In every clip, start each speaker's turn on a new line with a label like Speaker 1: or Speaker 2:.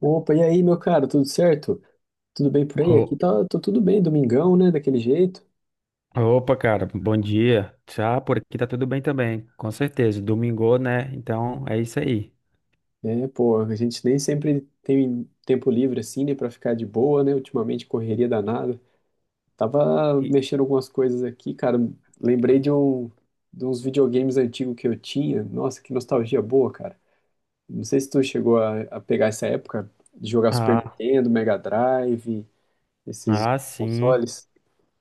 Speaker 1: Opa, e aí, meu cara, tudo certo? Tudo bem por aí? Aqui
Speaker 2: Ô-
Speaker 1: tá tudo bem, domingão, né, daquele jeito.
Speaker 2: Opa, cara, bom dia. Já por aqui tá tudo bem também, com certeza. Domingou, né? Então é isso aí.
Speaker 1: É, pô, a gente nem sempre tem tempo livre assim, né, pra ficar de boa, né, ultimamente correria danada. Tava
Speaker 2: E-
Speaker 1: mexendo algumas coisas aqui, cara, lembrei de um, de uns videogames antigos que eu tinha. Nossa, que nostalgia boa, cara. Não sei se tu chegou a pegar essa época de jogar Super
Speaker 2: ah,
Speaker 1: Nintendo, Mega Drive, esses
Speaker 2: ah, sim,
Speaker 1: consoles.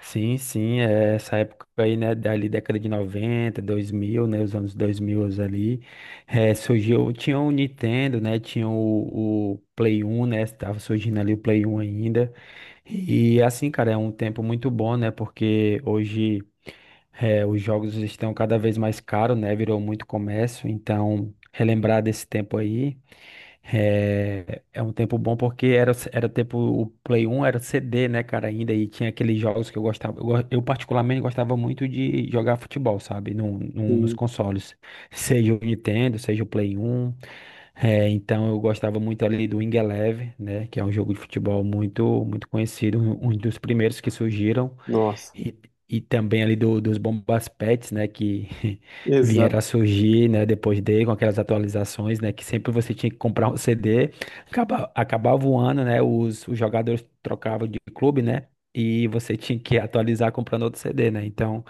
Speaker 2: sim, sim. É essa época aí, né? Dali década de 90, 2000, né? Os anos 2000 ali. É, surgiu, tinha o Nintendo, né? Tinha o Play 1, né? Tava surgindo ali o Play 1 ainda. E assim, cara, é um tempo muito bom, né? Porque hoje. É, os jogos estão cada vez mais caros, né? Virou muito comércio, então relembrar desse tempo aí é um tempo bom porque era tempo o Play 1 era CD, né, cara, ainda e tinha aqueles jogos que eu gostava, eu, eu particularmente gostava muito de jogar futebol, sabe, nos
Speaker 1: Sim,
Speaker 2: consoles, seja o Nintendo, seja o Play 1. É, então eu gostava muito ali do Wing Eleven, né, que é um jogo de futebol muito muito conhecido, um dos primeiros que surgiram.
Speaker 1: nossa,
Speaker 2: E, e também ali dos bombas pets, né, que
Speaker 1: exato.
Speaker 2: vieram a surgir, né, depois dele, com aquelas atualizações, né, que sempre você tinha que comprar um CD, acabava o ano, né, os jogadores trocavam de clube, né, e você tinha que atualizar comprando outro CD, né, então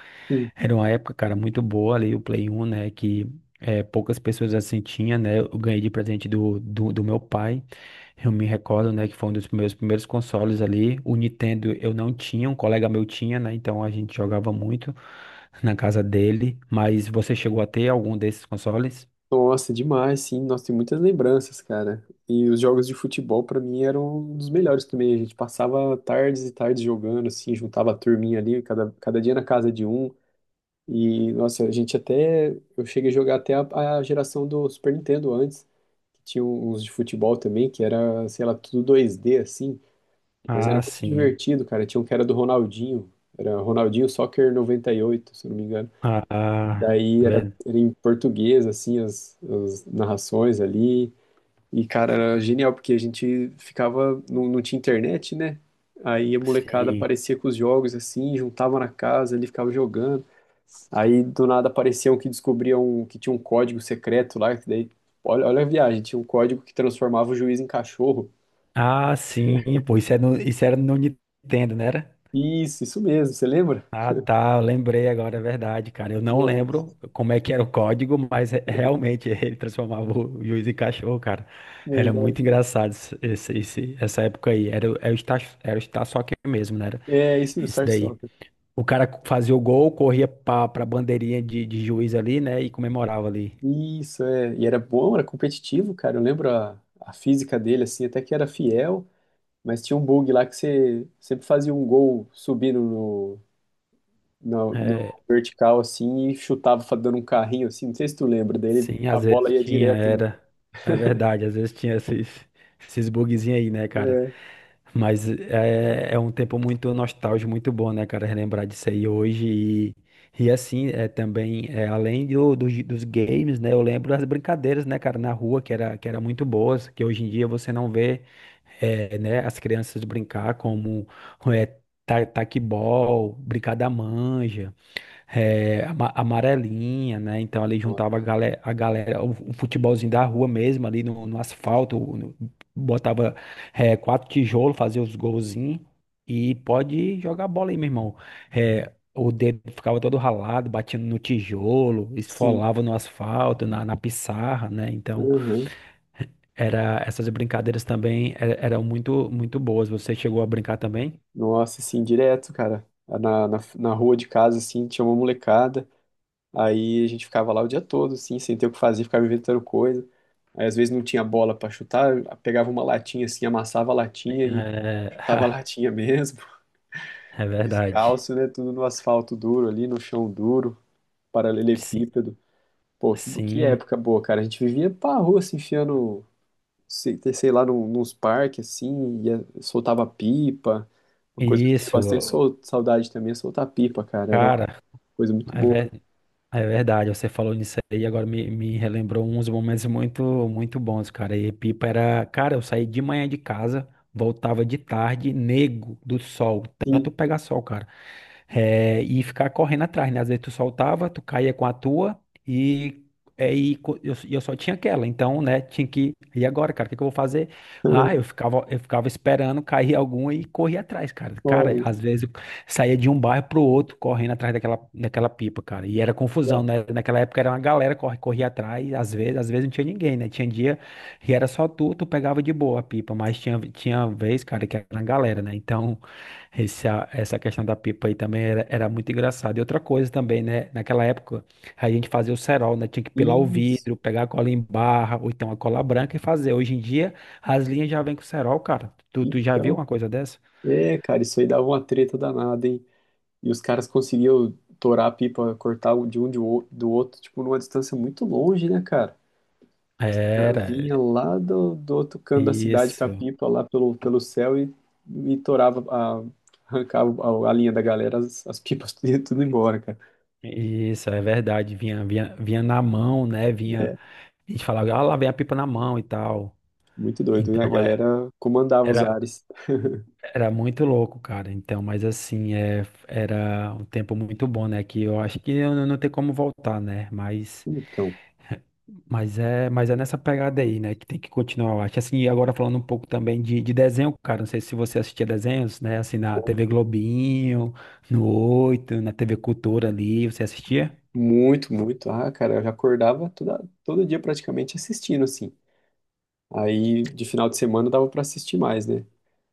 Speaker 2: era uma época, cara, muito boa ali, o Play 1, né, que poucas pessoas assim tinha, né, eu ganhei de presente do meu pai, eu me recordo, né, que foi um dos meus primeiros consoles ali. O Nintendo eu não tinha, um colega meu tinha, né? Então a gente jogava muito na casa dele. Mas você chegou a ter algum desses consoles?
Speaker 1: Nossa, demais, sim. Nossa, tem muitas lembranças, cara. E os jogos de futebol, pra mim, eram um dos melhores também. A gente passava tardes e tardes jogando, assim, juntava a turminha ali, cada dia na casa de um. E, nossa, a gente até. Eu cheguei a jogar até a geração do Super Nintendo antes, que tinha uns de futebol também, que era, sei lá, tudo 2D, assim. Mas era
Speaker 2: Ah,
Speaker 1: muito
Speaker 2: sim.
Speaker 1: divertido, cara. Tinha um que era do Ronaldinho. Era Ronaldinho Soccer 98, se eu não me engano.
Speaker 2: Ah, ah,
Speaker 1: Daí
Speaker 2: é
Speaker 1: era,
Speaker 2: verdade.
Speaker 1: era em português, assim, as narrações ali. E, cara, era genial, porque a gente ficava, não tinha internet, né? Aí a molecada
Speaker 2: Sim.
Speaker 1: aparecia com os jogos, assim, juntava na casa, ele ficava jogando. Aí do nada apareciam que descobriam que tinha um código secreto lá, que daí, olha, olha a viagem, tinha um código que transformava o juiz em cachorro.
Speaker 2: Ah, sim. Pô, isso era no Nintendo, né?
Speaker 1: Isso mesmo, você lembra?
Speaker 2: Ah, tá, eu lembrei agora, é verdade, cara. Eu não lembro
Speaker 1: Nossa,
Speaker 2: como é que era o código, mas realmente ele transformava o juiz em cachorro, cara. Era
Speaker 1: verdade.
Speaker 2: muito engraçado essa época aí. Era, era o estar, era o está só aqui mesmo, né? Era
Speaker 1: É isso, o
Speaker 2: esse
Speaker 1: start
Speaker 2: daí.
Speaker 1: Soccer.
Speaker 2: O cara fazia o gol, corria pra bandeirinha de juiz ali, né? E comemorava ali.
Speaker 1: Isso, é. E era bom, era competitivo, cara. Eu lembro a física dele, assim, até que era fiel, mas tinha um bug lá que você sempre fazia um gol subindo no
Speaker 2: É,
Speaker 1: vertical, assim, e chutava dando um carrinho, assim. Não sei se tu lembra dele,
Speaker 2: sim,
Speaker 1: a
Speaker 2: às
Speaker 1: bola
Speaker 2: vezes
Speaker 1: ia
Speaker 2: tinha,
Speaker 1: direto no.
Speaker 2: era. É verdade, às vezes tinha esses bugzinhos aí, né, cara?
Speaker 1: É,
Speaker 2: Mas é um tempo muito nostálgico, muito bom, né, cara, relembrar disso aí hoje. E assim, é também, é, além dos games, né, eu lembro das brincadeiras, né, cara, na rua, que era muito boas, que hoje em dia você não vê, é, né, as crianças brincar como é, taquebol, brincar da manja é, amarelinha, né? Então ali juntava
Speaker 1: nossa,
Speaker 2: a galera o futebolzinho da rua mesmo, ali no asfalto, botava é, quatro tijolos, fazia os golzinhos e pode jogar bola aí, meu irmão. É, o dedo ficava todo ralado, batendo no tijolo,
Speaker 1: sim.
Speaker 2: esfolava no asfalto, na pissarra, né? Então,
Speaker 1: Uhum.
Speaker 2: era, essas brincadeiras também eram muito, muito boas. Você chegou a brincar também?
Speaker 1: Nossa, assim, direto, cara. Na rua de casa, assim, tinha uma molecada. Aí a gente ficava lá o dia todo, assim, sem ter o que fazer, ficava inventando coisa. Aí às vezes não tinha bola pra chutar, pegava uma latinha assim, amassava a latinha e
Speaker 2: É,
Speaker 1: chutava a latinha mesmo,
Speaker 2: é verdade.
Speaker 1: descalço, né? Tudo no asfalto duro ali, no chão duro,
Speaker 2: Sim.
Speaker 1: paralelepípedo. Pô, que
Speaker 2: Sim.
Speaker 1: época boa, cara. A gente vivia pra rua se enfiando, sei lá, nos parques assim, ia, soltava pipa. Uma coisa que eu tenho
Speaker 2: Isso,
Speaker 1: bastante saudade também é soltar pipa, cara. Era uma
Speaker 2: cara,
Speaker 1: coisa muito
Speaker 2: é,
Speaker 1: boa.
Speaker 2: é verdade. Você falou nisso aí, agora me relembrou uns momentos muito, muito bons, cara. E pipa era, cara, eu saí de manhã de casa, voltava de tarde, nego do sol, tanto
Speaker 1: Sim.
Speaker 2: pegar sol, cara. É, e ficar correndo atrás, né? Às vezes tu soltava, tu caía com a tua e, é, eu só tinha aquela. Então, né, tinha que. E agora, cara, o que que eu vou fazer? Ah, eu ficava, eu ficava esperando cair alguma e corria atrás, cara. Cara,
Speaker 1: Pô,
Speaker 2: às vezes eu saía de um bairro pro outro correndo atrás daquela pipa, cara. E era confusão, né? Naquela época era uma galera que corria atrás, às vezes não tinha ninguém, né? Tinha dia e era só tu, tu pegava de boa a pipa, mas tinha vez, cara, que era uma galera, né? Então. Esse, essa questão da pipa aí também era, era muito engraçada. E outra coisa também, né? Naquela época, a gente fazia o cerol, né? Tinha que pilar o vidro,
Speaker 1: isso.
Speaker 2: pegar a cola em barra, ou então a cola branca e fazer. Hoje em dia, as linhas já vêm com cerol, cara. Tu já viu
Speaker 1: Então,
Speaker 2: uma coisa dessa?
Speaker 1: é, cara, isso aí dava uma treta danada, hein? E os caras conseguiam torar a pipa, cortar o de um do outro, tipo, numa distância muito longe, né, cara? O cara
Speaker 2: Era,
Speaker 1: vinha lá do outro canto da cidade com a
Speaker 2: isso,
Speaker 1: pipa lá pelo céu e torava, arrancava a linha da galera, as pipas tudo, ia tudo embora, cara.
Speaker 2: isso, é verdade. Vinha na mão, né? Vinha,
Speaker 1: É,
Speaker 2: a gente falava, ah, lá vem a pipa na mão e tal.
Speaker 1: muito doido, né? A
Speaker 2: Então, é.
Speaker 1: galera comandava os
Speaker 2: era
Speaker 1: ares.
Speaker 2: Era muito louco, cara. Então, mas assim, é, era um tempo muito bom, né? Que eu acho que eu não tem como voltar, né? Mas,
Speaker 1: Então,
Speaker 2: mas é, mas é nessa pegada aí, né? Que tem que continuar, eu acho. Assim, e agora falando um pouco também de desenho, cara. Não sei se você assistia desenhos, né? Assim, na
Speaker 1: pô,
Speaker 2: TV Globinho, no Oito, na TV Cultura ali, você assistia?
Speaker 1: muito. Ah, cara, eu já acordava todo dia praticamente assistindo, assim. Aí de final de semana dava pra assistir mais, né?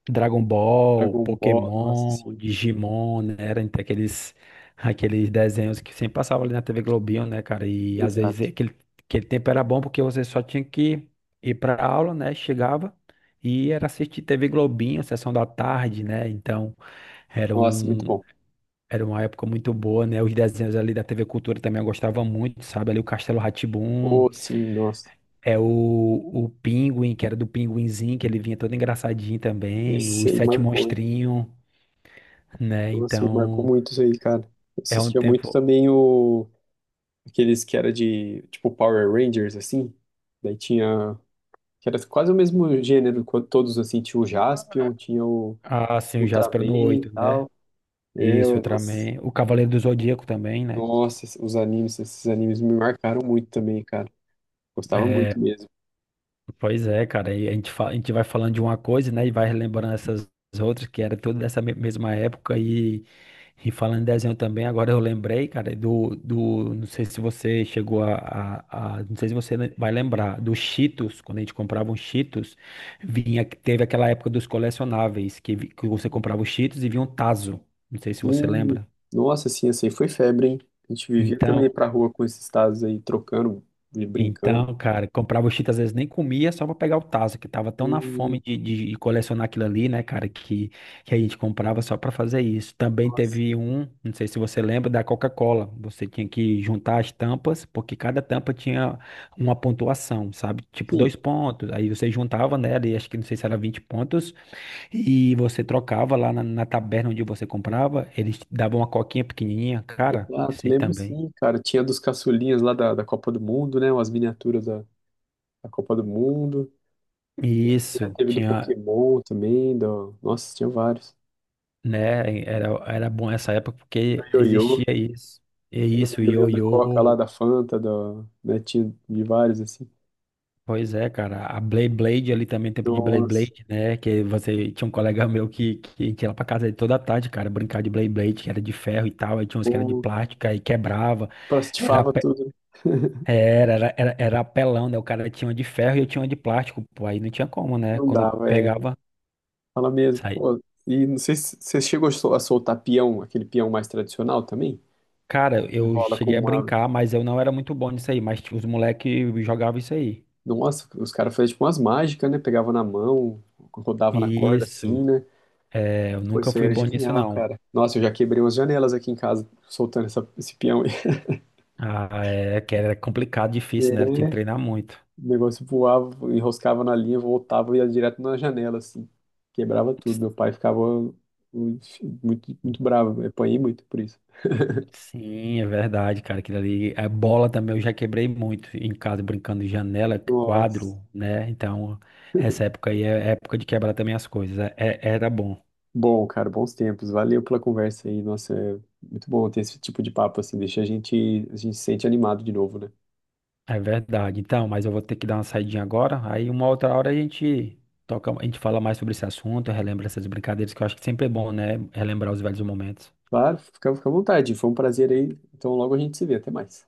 Speaker 2: Dragon Ball,
Speaker 1: Dragon Ball, nossa,
Speaker 2: Pokémon,
Speaker 1: sim.
Speaker 2: Digimon, né? Era entre aqueles, aqueles desenhos que sempre passavam ali na TV Globinho, né, cara? E às vezes
Speaker 1: Exato.
Speaker 2: aquele tempo era bom porque você só tinha que ir pra aula, né? Chegava e era assistir TV Globinho, sessão da tarde, né? Então era
Speaker 1: Nossa,
Speaker 2: um.
Speaker 1: muito bom.
Speaker 2: Era uma época muito boa, né? Os desenhos ali da TV Cultura também eu gostava muito, sabe? Ali o Castelo rá
Speaker 1: Oh, sim, nossa.
Speaker 2: é o Pinguim, que era do Pinguinzinho, que ele vinha todo engraçadinho também,
Speaker 1: Esse
Speaker 2: os
Speaker 1: aí
Speaker 2: Sete
Speaker 1: marcou, hein?
Speaker 2: Monstrinhos, né?
Speaker 1: Nossa, me marcou
Speaker 2: Então,
Speaker 1: muito isso aí, cara. Eu
Speaker 2: é um
Speaker 1: assistia muito
Speaker 2: tempo.
Speaker 1: também o aqueles que era de tipo Power Rangers assim. Daí tinha que era quase o mesmo gênero, todos assim, tinha o Jaspion, tinha o
Speaker 2: Ah, sim, o
Speaker 1: Ultraman
Speaker 2: Jasper no
Speaker 1: e
Speaker 2: oito né?
Speaker 1: tal. É,
Speaker 2: Isso,
Speaker 1: ué, nossa.
Speaker 2: Ultraman. O Cavaleiro do Zodíaco também, né?
Speaker 1: Nossa, os animes, esses animes me marcaram muito também, cara. Gostava muito
Speaker 2: É,
Speaker 1: mesmo.
Speaker 2: pois é, cara, e a gente, a gente vai falando de uma coisa, né, e vai relembrando essas outras, que era tudo dessa mesma época, e falando em desenho também, agora eu lembrei, cara, do, não sei se você chegou não sei se você vai lembrar, dos Cheetos, quando a gente comprava um Cheetos, vinha, teve aquela época dos colecionáveis, que, que você comprava os Cheetos e vinha um taso não sei se você
Speaker 1: Hum,
Speaker 2: lembra.
Speaker 1: nossa, assim, foi febre, hein? A gente vivia também
Speaker 2: Então,
Speaker 1: pra rua com esses tazos aí, trocando, e brincando.
Speaker 2: Então, cara, comprava o Cheetos, às vezes nem comia só pra pegar o tazo, que tava tão na fome
Speaker 1: Hum,
Speaker 2: de, de colecionar aquilo ali, né, cara, que a gente comprava só pra fazer isso. Também
Speaker 1: nossa.
Speaker 2: teve um, não sei se você lembra, da Coca-Cola. Você tinha que juntar as tampas, porque cada tampa tinha uma pontuação, sabe? Tipo
Speaker 1: Sim,
Speaker 2: dois pontos. Aí você juntava nela, e acho que não sei se era 20 pontos, e você trocava lá na taberna onde você comprava, eles te davam uma coquinha pequenininha, cara,
Speaker 1: ah, tu
Speaker 2: sei
Speaker 1: lembro
Speaker 2: também.
Speaker 1: sim, cara. Tinha dos caçulinhas lá da Copa do Mundo, né? Umas miniaturas da Copa do Mundo. Já
Speaker 2: Isso,
Speaker 1: teve do
Speaker 2: tinha
Speaker 1: Pokémon também, do... Nossa, tinha vários.
Speaker 2: né? Era, era bom essa época porque
Speaker 1: Do Ioiô,
Speaker 2: existia isso. É
Speaker 1: lembra do
Speaker 2: isso, o
Speaker 1: Ioiô da Coca lá,
Speaker 2: ioiô.
Speaker 1: da Fanta, do... né? Tinha de vários, assim.
Speaker 2: Pois é, cara. A Blade Blade ali também, tempo de Blade
Speaker 1: Nossa,
Speaker 2: Blade, né? Que você tinha um colega meu que a gente ia lá pra casa dele toda tarde, cara, brincar de Blade Blade, que era de ferro e tal. Aí tinha uns que era de
Speaker 1: pô,
Speaker 2: plástico, aí quebrava. Era,
Speaker 1: plastifava
Speaker 2: pe-
Speaker 1: tudo. Né?
Speaker 2: era, era, era, era apelão, né? O cara tinha uma de ferro e eu tinha uma de plástico. Pô, aí não tinha como, né?
Speaker 1: Não
Speaker 2: Quando eu
Speaker 1: dava, é.
Speaker 2: pegava,
Speaker 1: Fala mesmo.
Speaker 2: saía.
Speaker 1: Pô, e não sei se você chegou a a soltar peão, aquele peão mais tradicional também?
Speaker 2: Cara, eu
Speaker 1: Enrola com
Speaker 2: cheguei a
Speaker 1: uma.
Speaker 2: brincar, mas eu não era muito bom nisso aí. Mas tipo, os moleques jogavam isso aí.
Speaker 1: Nossa, os caras faziam tipo umas mágicas, né? Pegavam na mão, rodavam na corda
Speaker 2: Isso.
Speaker 1: assim, né?
Speaker 2: É, eu
Speaker 1: Pô,
Speaker 2: nunca
Speaker 1: isso aí
Speaker 2: fui
Speaker 1: era
Speaker 2: bom nisso,
Speaker 1: genial,
Speaker 2: não.
Speaker 1: cara. Nossa, eu já quebrei umas janelas aqui em casa soltando esse peão. Aí.
Speaker 2: Ah, é que era complicado, difícil, né? Eu
Speaker 1: É,
Speaker 2: tinha que treinar muito.
Speaker 1: o negócio voava, enroscava na linha, voltava e ia direto na janela, assim. Quebrava tudo. Meu pai ficava muito, muito bravo. Eu apanhei muito por isso.
Speaker 2: Sim, é verdade, cara. Aquilo ali. A bola também eu já quebrei muito em casa, brincando de janela,
Speaker 1: Nossa.
Speaker 2: quadro, né? Então, essa época aí é época de quebrar também as coisas. Era bom.
Speaker 1: Bom, cara, bons tempos. Valeu pela conversa aí. Nossa, é muito bom ter esse tipo de papo assim, deixa a gente se sente animado de novo, né?
Speaker 2: É verdade. Então, mas eu vou ter que dar uma saidinha agora. Aí uma outra hora a gente toca, a gente fala mais sobre esse assunto, relembra essas brincadeiras, que eu acho que sempre é bom, né? Relembrar os velhos momentos.
Speaker 1: Claro, fica, fica à vontade. Foi um prazer aí. Então logo a gente se vê. Até mais.